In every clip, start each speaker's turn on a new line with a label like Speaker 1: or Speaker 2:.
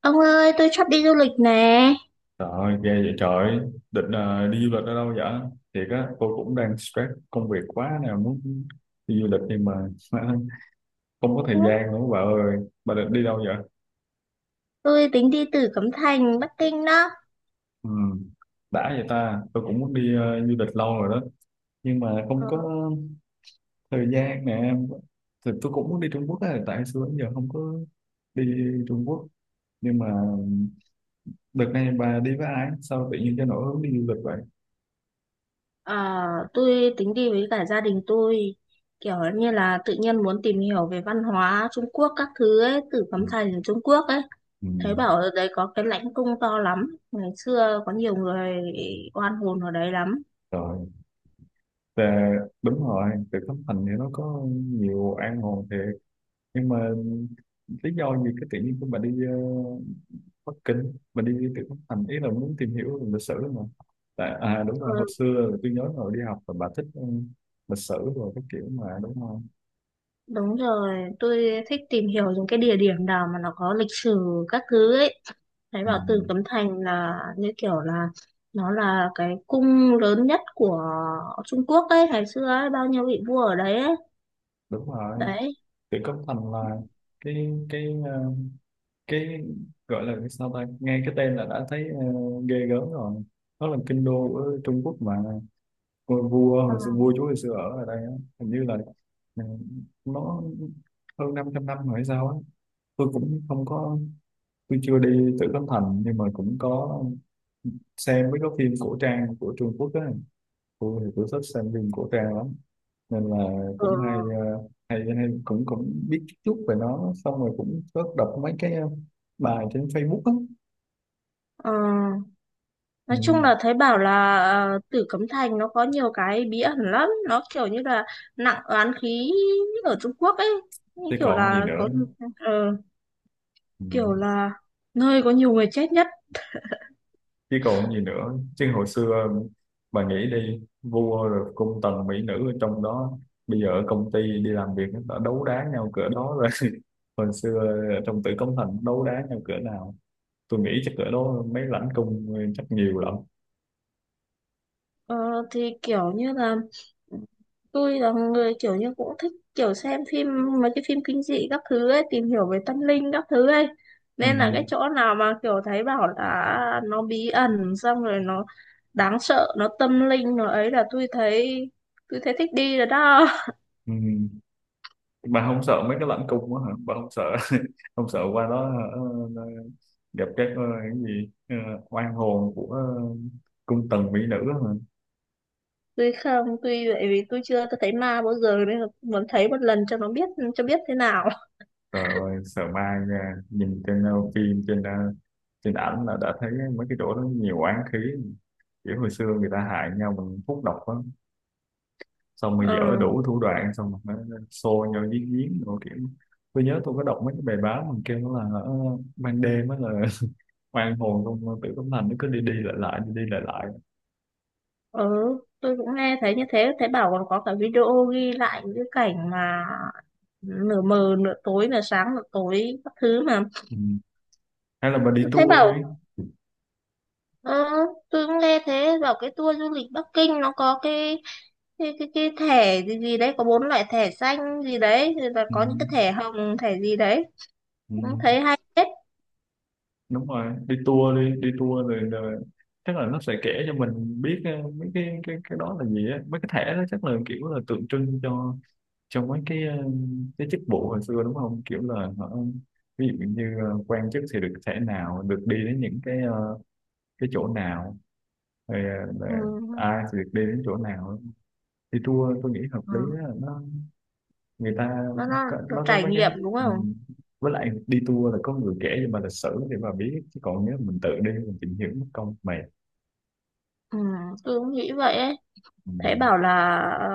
Speaker 1: Ông ơi, tôi sắp đi du lịch nè.
Speaker 2: Trời ơi, ghê vậy trời ơi. Định đi du lịch ở đâu vậy? Thiệt á, tôi cũng đang stress công việc quá nè, muốn đi du lịch nhưng mà không có
Speaker 1: Ừ.
Speaker 2: thời gian nữa bà ơi. Bà định đi đâu vậy?
Speaker 1: Tôi tính đi từ Cấm Thành, Bắc Kinh đó.
Speaker 2: Ừ, đã vậy ta, tôi cũng muốn đi du lịch lâu rồi đó, nhưng mà không
Speaker 1: Ờ.
Speaker 2: có thời gian nè. Thì tôi cũng muốn đi Trung Quốc á, tại xưa đến giờ không có đi Trung Quốc. Nhưng mà đợt này bà đi với ai? Sao tự nhiên cho nổi hứng đi du lịch vậy?
Speaker 1: À, tôi tính đi với cả gia đình tôi. Kiểu như là tự nhiên muốn tìm hiểu về văn hóa Trung Quốc các thứ ấy, từ
Speaker 2: Ừ,
Speaker 1: Cấm Thành Trung Quốc ấy.
Speaker 2: ừ.
Speaker 1: Thấy bảo ở đấy có cái lãnh cung to lắm. Ngày xưa có nhiều người oan hồn ở đấy lắm.
Speaker 2: Rồi. Dạ, đúng rồi, từ Thất Thành thì nó có nhiều an hồn thiệt. Nhưng mà lý do gì cái tự nhiên của bà đi Bắc Kinh, bà đi từ Thất Thành, ý là muốn tìm hiểu lịch sử mà. Tại, à đúng
Speaker 1: Ừ,
Speaker 2: rồi, hồi xưa tôi nhớ rồi đi học là bà thích lịch sử rồi cái kiểu mà đúng không?
Speaker 1: đúng rồi, tôi thích tìm hiểu những cái địa điểm nào mà nó có lịch sử các thứ ấy. Thấy
Speaker 2: Ừ,
Speaker 1: bảo Tử Cấm Thành là như kiểu là nó là cái cung lớn nhất của Trung Quốc ấy ngày xưa ấy, bao nhiêu vị vua ở đấy ấy.
Speaker 2: đúng rồi,
Speaker 1: Đấy.
Speaker 2: từ Thất Thành là cái cái gọi là cái sao ta, nghe cái tên là đã thấy ghê gớm rồi. Nó là kinh đô của Trung Quốc mà, ngôi vua
Speaker 1: Ờ.
Speaker 2: hồi xưa, vua chúa hồi xưa ở ở đây á, hình như là ừ, nó hơn 500 năm rồi hay sao á. Tôi cũng không có, tôi chưa đi Tử Cấm Thành nhưng mà cũng có xem mấy cái phim cổ trang của Trung Quốc á. Tôi thì tôi thích xem phim cổ trang lắm, nên là
Speaker 1: Ờ.
Speaker 2: cũng hay ờ, hay hay cũng cũng biết chút chút về nó, xong rồi cũng có đọc mấy cái bài trên Facebook á.
Speaker 1: Ờ. Nói
Speaker 2: Ừ.
Speaker 1: chung là thấy bảo là Tử Cấm Thành nó có nhiều cái bí ẩn lắm, nó kiểu như là nặng oán khí ở Trung Quốc ấy, như
Speaker 2: Thế
Speaker 1: kiểu
Speaker 2: còn gì
Speaker 1: là
Speaker 2: nữa.
Speaker 1: có ờ,
Speaker 2: Ừ.
Speaker 1: kiểu là nơi có nhiều người chết nhất.
Speaker 2: Chứ còn gì nữa chứ, hồi xưa bà nghĩ đi, vua rồi cung tần mỹ nữ ở trong đó, bây giờ ở công ty đi làm việc nó đã đấu đá nhau cỡ đó rồi hồi xưa ở trong Tử Cấm Thành đấu đá nhau cỡ nào, tôi nghĩ chắc cỡ đó mấy lãnh cung chắc nhiều lắm.
Speaker 1: Ờ, thì kiểu như là tôi là người kiểu như cũng thích kiểu xem phim, mấy cái phim kinh dị các thứ ấy, tìm hiểu về tâm linh các thứ ấy.
Speaker 2: Ừ.
Speaker 1: Nên là cái chỗ nào mà kiểu thấy bảo là nó bí ẩn xong rồi nó đáng sợ, nó tâm linh nó ấy là tôi thấy thích đi rồi đó.
Speaker 2: Ừ. Bà không sợ mấy cái lãnh cung đó hả, bà không sợ không sợ qua đó hả? ờ, Gặp các cái gì, oan hồn của cung tần mỹ nữ hả?
Speaker 1: Tôi không, tôi vậy vì tôi chưa thấy ma bao giờ nên là muốn thấy một lần cho nó biết, cho biết thế nào.
Speaker 2: Trời ơi, sợ ma nha. Nhìn trên phim, trên trên ảnh là đã thấy mấy cái chỗ đó nhiều oán khí. Kiểu hồi xưa người ta hại nhau bằng thuốc độc á. Xong rồi dở
Speaker 1: Ờ.
Speaker 2: đủ thủ đoạn, xong rồi nó xô nhau giếng giếng. Rồi kiểu, tôi nhớ tôi có đọc mấy cái bài báo mà kêu là ban đêm á là oan hồn trong Tử Cấm Thành nó cứ đi đi lại lại, đi đi lại lại.
Speaker 1: Ừ, tôi cũng nghe thấy như thế, thấy bảo còn có cả video ghi lại những cái cảnh mà nửa mờ nửa tối, nửa sáng nửa tối các thứ mà.
Speaker 2: Ừ. Hay là bà đi
Speaker 1: Tôi thấy
Speaker 2: tour
Speaker 1: bảo
Speaker 2: đi.
Speaker 1: ờ, tôi cũng nghe thế, bảo cái tour du lịch Bắc Kinh nó có cái thẻ gì gì đấy, có bốn loại thẻ xanh gì đấy, rồi là
Speaker 2: Ừ.
Speaker 1: có những cái thẻ hồng, thẻ gì đấy,
Speaker 2: Ừ.
Speaker 1: cũng thấy hay hết.
Speaker 2: Đúng rồi, đi tour đi, đi tour rồi, rồi chắc là nó sẽ kể cho mình biết mấy cái cái đó là gì á, mấy cái thẻ đó chắc là kiểu là tượng trưng cho mấy cái cái chức vụ hồi xưa đúng không, kiểu là họ ví dụ như quan chức thì được thẻ nào, được đi đến những cái cái chỗ nào, rồi
Speaker 1: Ừ.
Speaker 2: là ai thì được đi đến chỗ nào. Đi tour tôi nghĩ hợp lý á,
Speaker 1: Ừ.
Speaker 2: nó người ta
Speaker 1: nó, nó,
Speaker 2: có,
Speaker 1: nó
Speaker 2: nó có
Speaker 1: trải
Speaker 2: mấy cái
Speaker 1: nghiệm đúng không.
Speaker 2: ừm, với lại đi tour là có người kể cho mà lịch sử để mà biết, chứ còn nếu mình tự đi mình tìm hiểu mất công mệt.
Speaker 1: Ừ, tôi cũng nghĩ vậy ấy. Thế
Speaker 2: Ừm,
Speaker 1: bảo là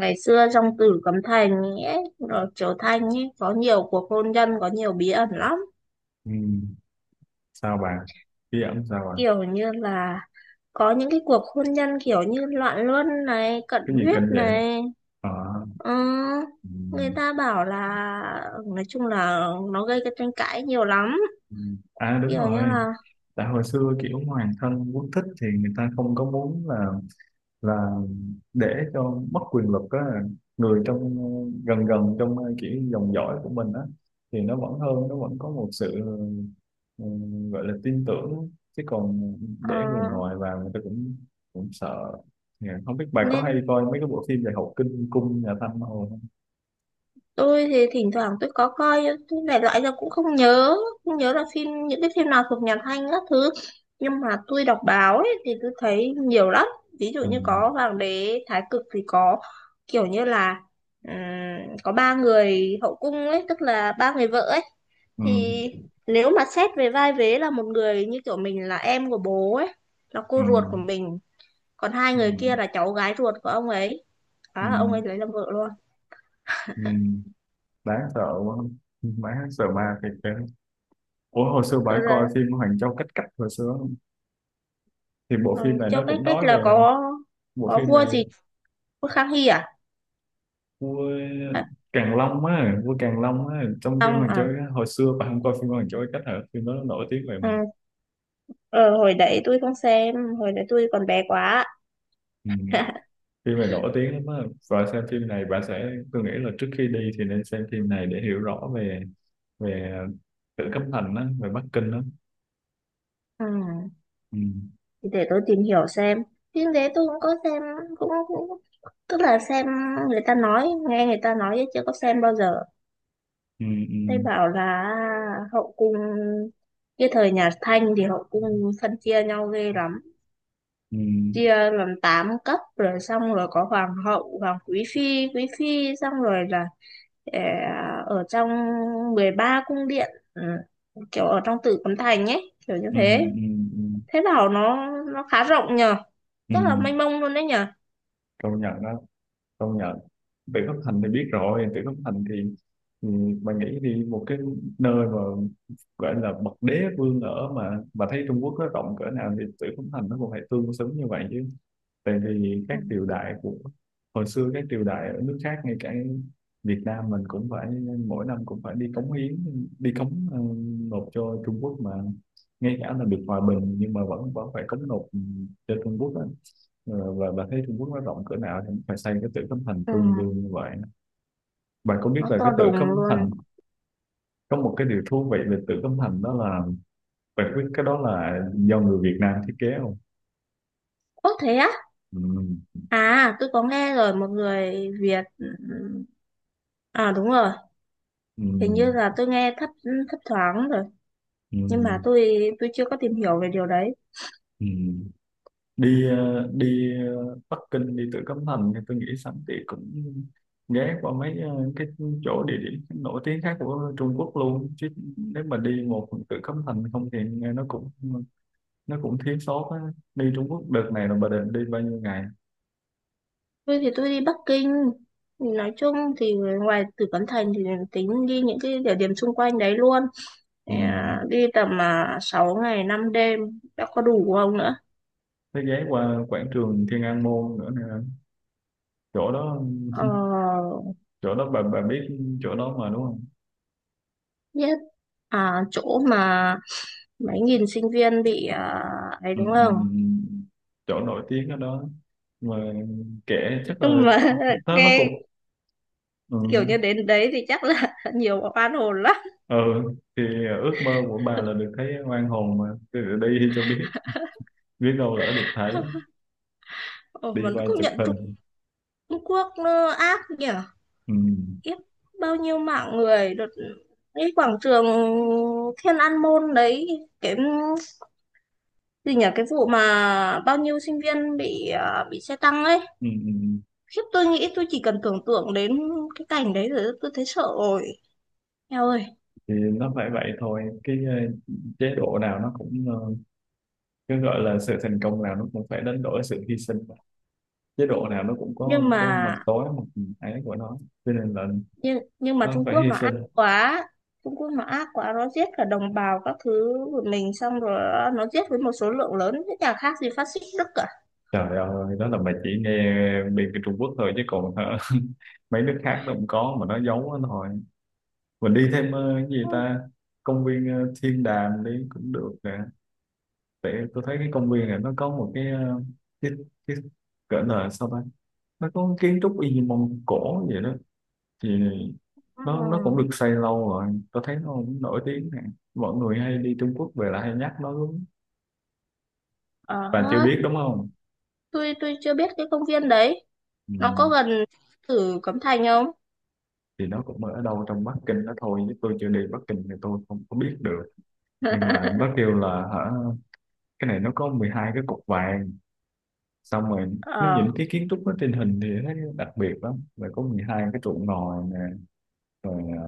Speaker 1: ngày xưa trong Tử Cấm Thành ấy, rồi Triều Thanh ấy, có nhiều cuộc hôn nhân, có nhiều bí ẩn lắm.
Speaker 2: ừm, sao bà, bí ẩn sao bà,
Speaker 1: Kiểu như là có những cái cuộc hôn nhân kiểu như loạn luân này, cận
Speaker 2: cái gì
Speaker 1: huyết
Speaker 2: kinh vậy?
Speaker 1: này.
Speaker 2: Ờ,
Speaker 1: Ừ, người
Speaker 2: ừm,
Speaker 1: ta bảo là nói chung là nó gây cái tranh cãi nhiều lắm.
Speaker 2: ừm. À đúng
Speaker 1: Kiểu như
Speaker 2: rồi,
Speaker 1: là
Speaker 2: tại hồi xưa kiểu hoàng thân quốc thích thì người ta không có muốn là để cho mất quyền lực á, người trong gần gần trong kiểu dòng dõi của mình á thì nó vẫn hơn, nó vẫn có một sự ừ, gọi là tin tưởng, chứ còn
Speaker 1: ờ,
Speaker 2: để người ngoài vào người ta cũng cũng sợ. Dạ, không biết bà có
Speaker 1: nên
Speaker 2: hay coi mấy cái bộ phim về Hậu Kinh Cung nhà Thanh hồi không.
Speaker 1: tôi thì thỉnh thoảng tôi có coi, tôi đại loại là cũng không nhớ, không nhớ là những cái phim nào thuộc nhà Thanh các thứ, nhưng mà tôi đọc báo ấy, thì tôi thấy nhiều lắm. Ví dụ
Speaker 2: Ừ.
Speaker 1: như có Hoàng đế Thái Cực thì có kiểu như là, ừm, có ba người hậu cung ấy, tức là ba người vợ ấy,
Speaker 2: Ừ.
Speaker 1: thì nếu mà xét về vai vế là một người như kiểu mình là em của bố ấy, là
Speaker 2: Ừ.
Speaker 1: cô ruột của mình, còn hai
Speaker 2: Ừ.
Speaker 1: người kia là cháu gái ruột của ông ấy.
Speaker 2: Ừ.
Speaker 1: Đó là ông ấy lấy làm vợ luôn.
Speaker 2: Ừ. Đáng sợ quá, đáng sợ ma thiệt kìa. Ủa hồi xưa bà coi phim Hoàng Châu Cách Cách hồi xưa, thì
Speaker 1: Ừ,
Speaker 2: bộ phim này
Speaker 1: Châu
Speaker 2: nó
Speaker 1: Cách
Speaker 2: cũng
Speaker 1: Cách
Speaker 2: nói
Speaker 1: là
Speaker 2: về,
Speaker 1: có
Speaker 2: bộ
Speaker 1: có
Speaker 2: phim
Speaker 1: vua
Speaker 2: này
Speaker 1: gì, vua Khang Hy à?
Speaker 2: vua
Speaker 1: À
Speaker 2: Càn Long á, vua Càn Long á trong phim
Speaker 1: không
Speaker 2: Hoàng Châu
Speaker 1: à.
Speaker 2: á, hồi xưa bạn không coi phim Hoàng Châu Cách hả, phim đó nó nổi tiếng về
Speaker 1: Ừ. ờ, Hồi đấy tôi không xem, hồi đấy tôi còn bé quá.
Speaker 2: ừ, phim này nổi tiếng lắm á, và xem phim này bạn sẽ, tôi nghĩ là trước khi đi thì nên xem phim này để hiểu rõ về về Tử Cấm Thành á, về Bắc Kinh á.
Speaker 1: Ừ.
Speaker 2: Ừ,
Speaker 1: Thì để tôi tìm hiểu xem, phim đấy tôi cũng có xem, cũng tức là xem người ta nói, nghe người ta nói chứ chưa có xem bao giờ.
Speaker 2: ừ,
Speaker 1: Thấy
Speaker 2: ừ,
Speaker 1: bảo là hậu cung cái thời nhà Thanh thì hậu cung phân chia nhau ghê lắm,
Speaker 2: ừ,
Speaker 1: chia làm 8 cấp, rồi xong rồi có hoàng hậu, hoàng quý phi, quý phi, xong rồi là, Ờ, ở trong 13 cung điện, ừ, kiểu ở trong Tử Cấm Thành ấy, kiểu như
Speaker 2: ừ,
Speaker 1: thế.
Speaker 2: ừ, ừ,
Speaker 1: Thế đảo nó khá rộng nhờ,
Speaker 2: ừ.
Speaker 1: rất là mênh mông luôn đấy nhờ.
Speaker 2: Công nhận đó, công nhận. Vịnh Phúc Thành thì biết rồi, Vịnh Phúc Thành thì ừ, bạn nghĩ đi, một cái nơi mà gọi là bậc đế vương ở, mà thấy Trung Quốc nó rộng cỡ nào thì Vịnh Phúc Thành nó cũng phải tương xứng như vậy chứ. Tại vì
Speaker 1: Ừ.
Speaker 2: các triều đại của hồi xưa, các triều đại ở nước khác ngay cả Việt Nam mình cũng phải mỗi năm cũng phải đi cống hiến, đi cống nộp cho Trung Quốc mà, ngay cả là được hòa bình nhưng mà vẫn vẫn phải cống nộp cho Trung Quốc á. Ờ, và bà thấy Trung Quốc nó rộng cỡ nào thì phải xây cái Tử Cấm Thành
Speaker 1: Ừ,
Speaker 2: tương đương như vậy. Bạn có biết
Speaker 1: nó
Speaker 2: là
Speaker 1: to
Speaker 2: cái Tử
Speaker 1: đùng
Speaker 2: Cấm Thành,
Speaker 1: luôn.
Speaker 2: có một cái điều thú vị về Tử Cấm Thành đó là bạn biết cái đó là do người Việt Nam thiết kế không?
Speaker 1: Ố thế á.
Speaker 2: Ừ,
Speaker 1: À tôi có nghe rồi, một người Việt, ừ, ừ. À đúng rồi,
Speaker 2: ừ,
Speaker 1: hình như là tôi nghe thấp thấp thoáng rồi,
Speaker 2: ừ,
Speaker 1: nhưng mà tôi chưa có tìm hiểu về điều đấy.
Speaker 2: ừ. Đi đi Bắc Kinh, đi Tử Cấm Thành thì tôi nghĩ sẵn thì cũng ghé qua mấy cái chỗ địa điểm nổi tiếng khác của Trung Quốc luôn chứ, nếu mà đi một Tử Cấm Thành không thì nghe nó cũng thiếu sót á. Đi Trung Quốc đợt này là bà định đi bao nhiêu ngày?
Speaker 1: Tôi thì tôi đi Bắc Kinh, thì nói chung thì ngoài Tử Cấm Thành thì tính đi những cái địa điểm xung quanh đấy luôn.
Speaker 2: Ừ.
Speaker 1: Thì, à, đi tầm à, 6 ngày 5 đêm đã có đủ không nữa.
Speaker 2: Thế ghé qua quảng trường Thiên An Môn nữa nè, chỗ đó
Speaker 1: ờ,
Speaker 2: chỗ đó bà biết chỗ đó mà đúng không?
Speaker 1: Biết à, chỗ mà mấy nghìn sinh viên bị à, ấy
Speaker 2: Ừ,
Speaker 1: đúng
Speaker 2: ừ,
Speaker 1: không.
Speaker 2: chỗ nổi tiếng ở đó mà, kể chắc
Speaker 1: Nhưng
Speaker 2: là
Speaker 1: mà
Speaker 2: nó
Speaker 1: nghe
Speaker 2: cũng ừ.
Speaker 1: kiểu như đến đấy thì chắc là nhiều oan hồn lắm.
Speaker 2: Ừ, thì ước mơ của bà là được thấy oan hồn mà, cứ đi cho biết, biết đâu lỡ được thấy,
Speaker 1: Ờ,
Speaker 2: đi
Speaker 1: mình
Speaker 2: quay
Speaker 1: cũng
Speaker 2: chụp
Speaker 1: nhận, Trung
Speaker 2: hình.
Speaker 1: Trung Quốc nó ác nhỉ.
Speaker 2: Ừ.
Speaker 1: Kiếp, bao nhiêu mạng người đợt cái quảng trường Thiên An Môn đấy, cái gì nhỉ, cái vụ mà bao nhiêu sinh viên bị à, bị xe tăng ấy.
Speaker 2: Ừ. Ừ.
Speaker 1: Khiếp, tôi nghĩ tôi chỉ cần tưởng tượng đến cái cảnh đấy rồi tôi thấy sợ rồi. Eo ơi,
Speaker 2: Thì nó phải vậy thôi, cái chế độ nào nó cũng cứ gọi là sự thành công nào nó cũng phải đánh đổi sự hy sinh mà. Chế độ nào nó cũng có
Speaker 1: nhưng mà,
Speaker 2: cái mặt tối, mặt ấy của nó, cho nên là
Speaker 1: nhưng mà
Speaker 2: nó
Speaker 1: Trung
Speaker 2: phải
Speaker 1: Quốc
Speaker 2: hy
Speaker 1: nó
Speaker 2: sinh.
Speaker 1: ác quá. Trung Quốc nó ác quá, nó giết cả đồng bào các thứ của mình, xong rồi nó giết với một số lượng lớn thế, chả khác gì phát xít Đức cả.
Speaker 2: Trời ơi, đó là bà chỉ nghe bên cái Trung Quốc thôi chứ còn hả, mấy nước khác nó cũng có mà nó giấu nó thôi. Mình đi thêm cái gì
Speaker 1: Ừ.
Speaker 2: ta, công viên Thiên Đàm đi cũng được nè, tại tôi thấy cái công viên này nó có một cái cái cái gọi là sao ta, nó có kiến trúc y như Mông Cổ vậy đó, thì nó cũng được
Speaker 1: Ừ.
Speaker 2: xây lâu rồi, tôi thấy nó cũng nổi tiếng nè, mọi người hay đi Trung Quốc về là hay nhắc nó lắm,
Speaker 1: Ờ,
Speaker 2: bạn chưa biết đúng không?
Speaker 1: tôi chưa biết cái công viên đấy,
Speaker 2: Ừ.
Speaker 1: nó có gần Tử Cấm Thành không?
Speaker 2: Thì nó cũng ở đâu trong Bắc Kinh đó thôi chứ tôi chưa đi Bắc Kinh thì tôi không có biết được, nhưng mà nó kêu là hả, cái này nó có 12 cái cục vàng, xong rồi nó những
Speaker 1: Ờ,
Speaker 2: cái kiến trúc nó trên hình thì thấy đặc biệt lắm, rồi có 12 cái trụ ngòi nè rồi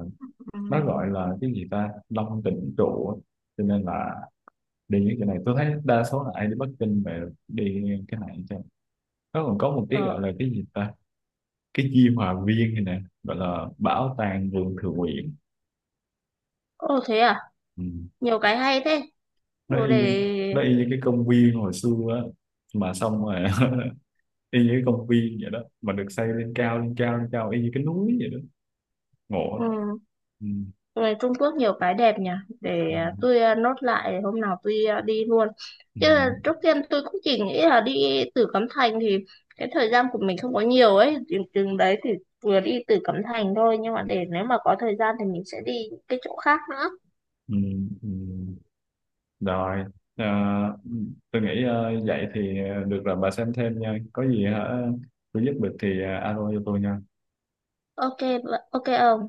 Speaker 2: nó gọi
Speaker 1: ừ,
Speaker 2: là cái gì ta, Long Tỉnh trụ á. Cho nên là đi những cái này tôi thấy đa số là ai đi Bắc Kinh về đi cái này chứ. Nó còn có một cái gọi
Speaker 1: ờ,
Speaker 2: là cái gì ta, cái Di Hòa Viên này nè, gọi là bảo tàng vườn thượng uyển.
Speaker 1: ô thế à,
Speaker 2: Ừ.
Speaker 1: nhiều cái hay thế.
Speaker 2: Nó
Speaker 1: Ồ
Speaker 2: y,
Speaker 1: để,
Speaker 2: nó y như cái công viên hồi xưa á, mà xong rồi y như cái công viên vậy đó, mà được xây lên cao lên cao lên cao y như cái núi vậy đó, ngộ lắm.
Speaker 1: ừ,
Speaker 2: Ừ.
Speaker 1: về Trung Quốc nhiều cái đẹp nhỉ, để
Speaker 2: Ừ,
Speaker 1: à, tôi à, nốt lại hôm nào tôi à, đi luôn,
Speaker 2: ừ,
Speaker 1: chứ là trước tiên tôi cũng chỉ nghĩ là đi Tử Cấm Thành thì cái thời gian của mình không có nhiều ấy, chừng đấy thì vừa đi Tử Cấm Thành thôi, nhưng mà để nếu mà có thời gian thì mình sẽ đi những cái chỗ khác nữa.
Speaker 2: ừ, ừ. Rồi, ờ, tôi nghĩ vậy thì được rồi, bà xem thêm nha. Có gì hả, tôi giúp được thì alo cho tôi nha.
Speaker 1: OK, OK ông.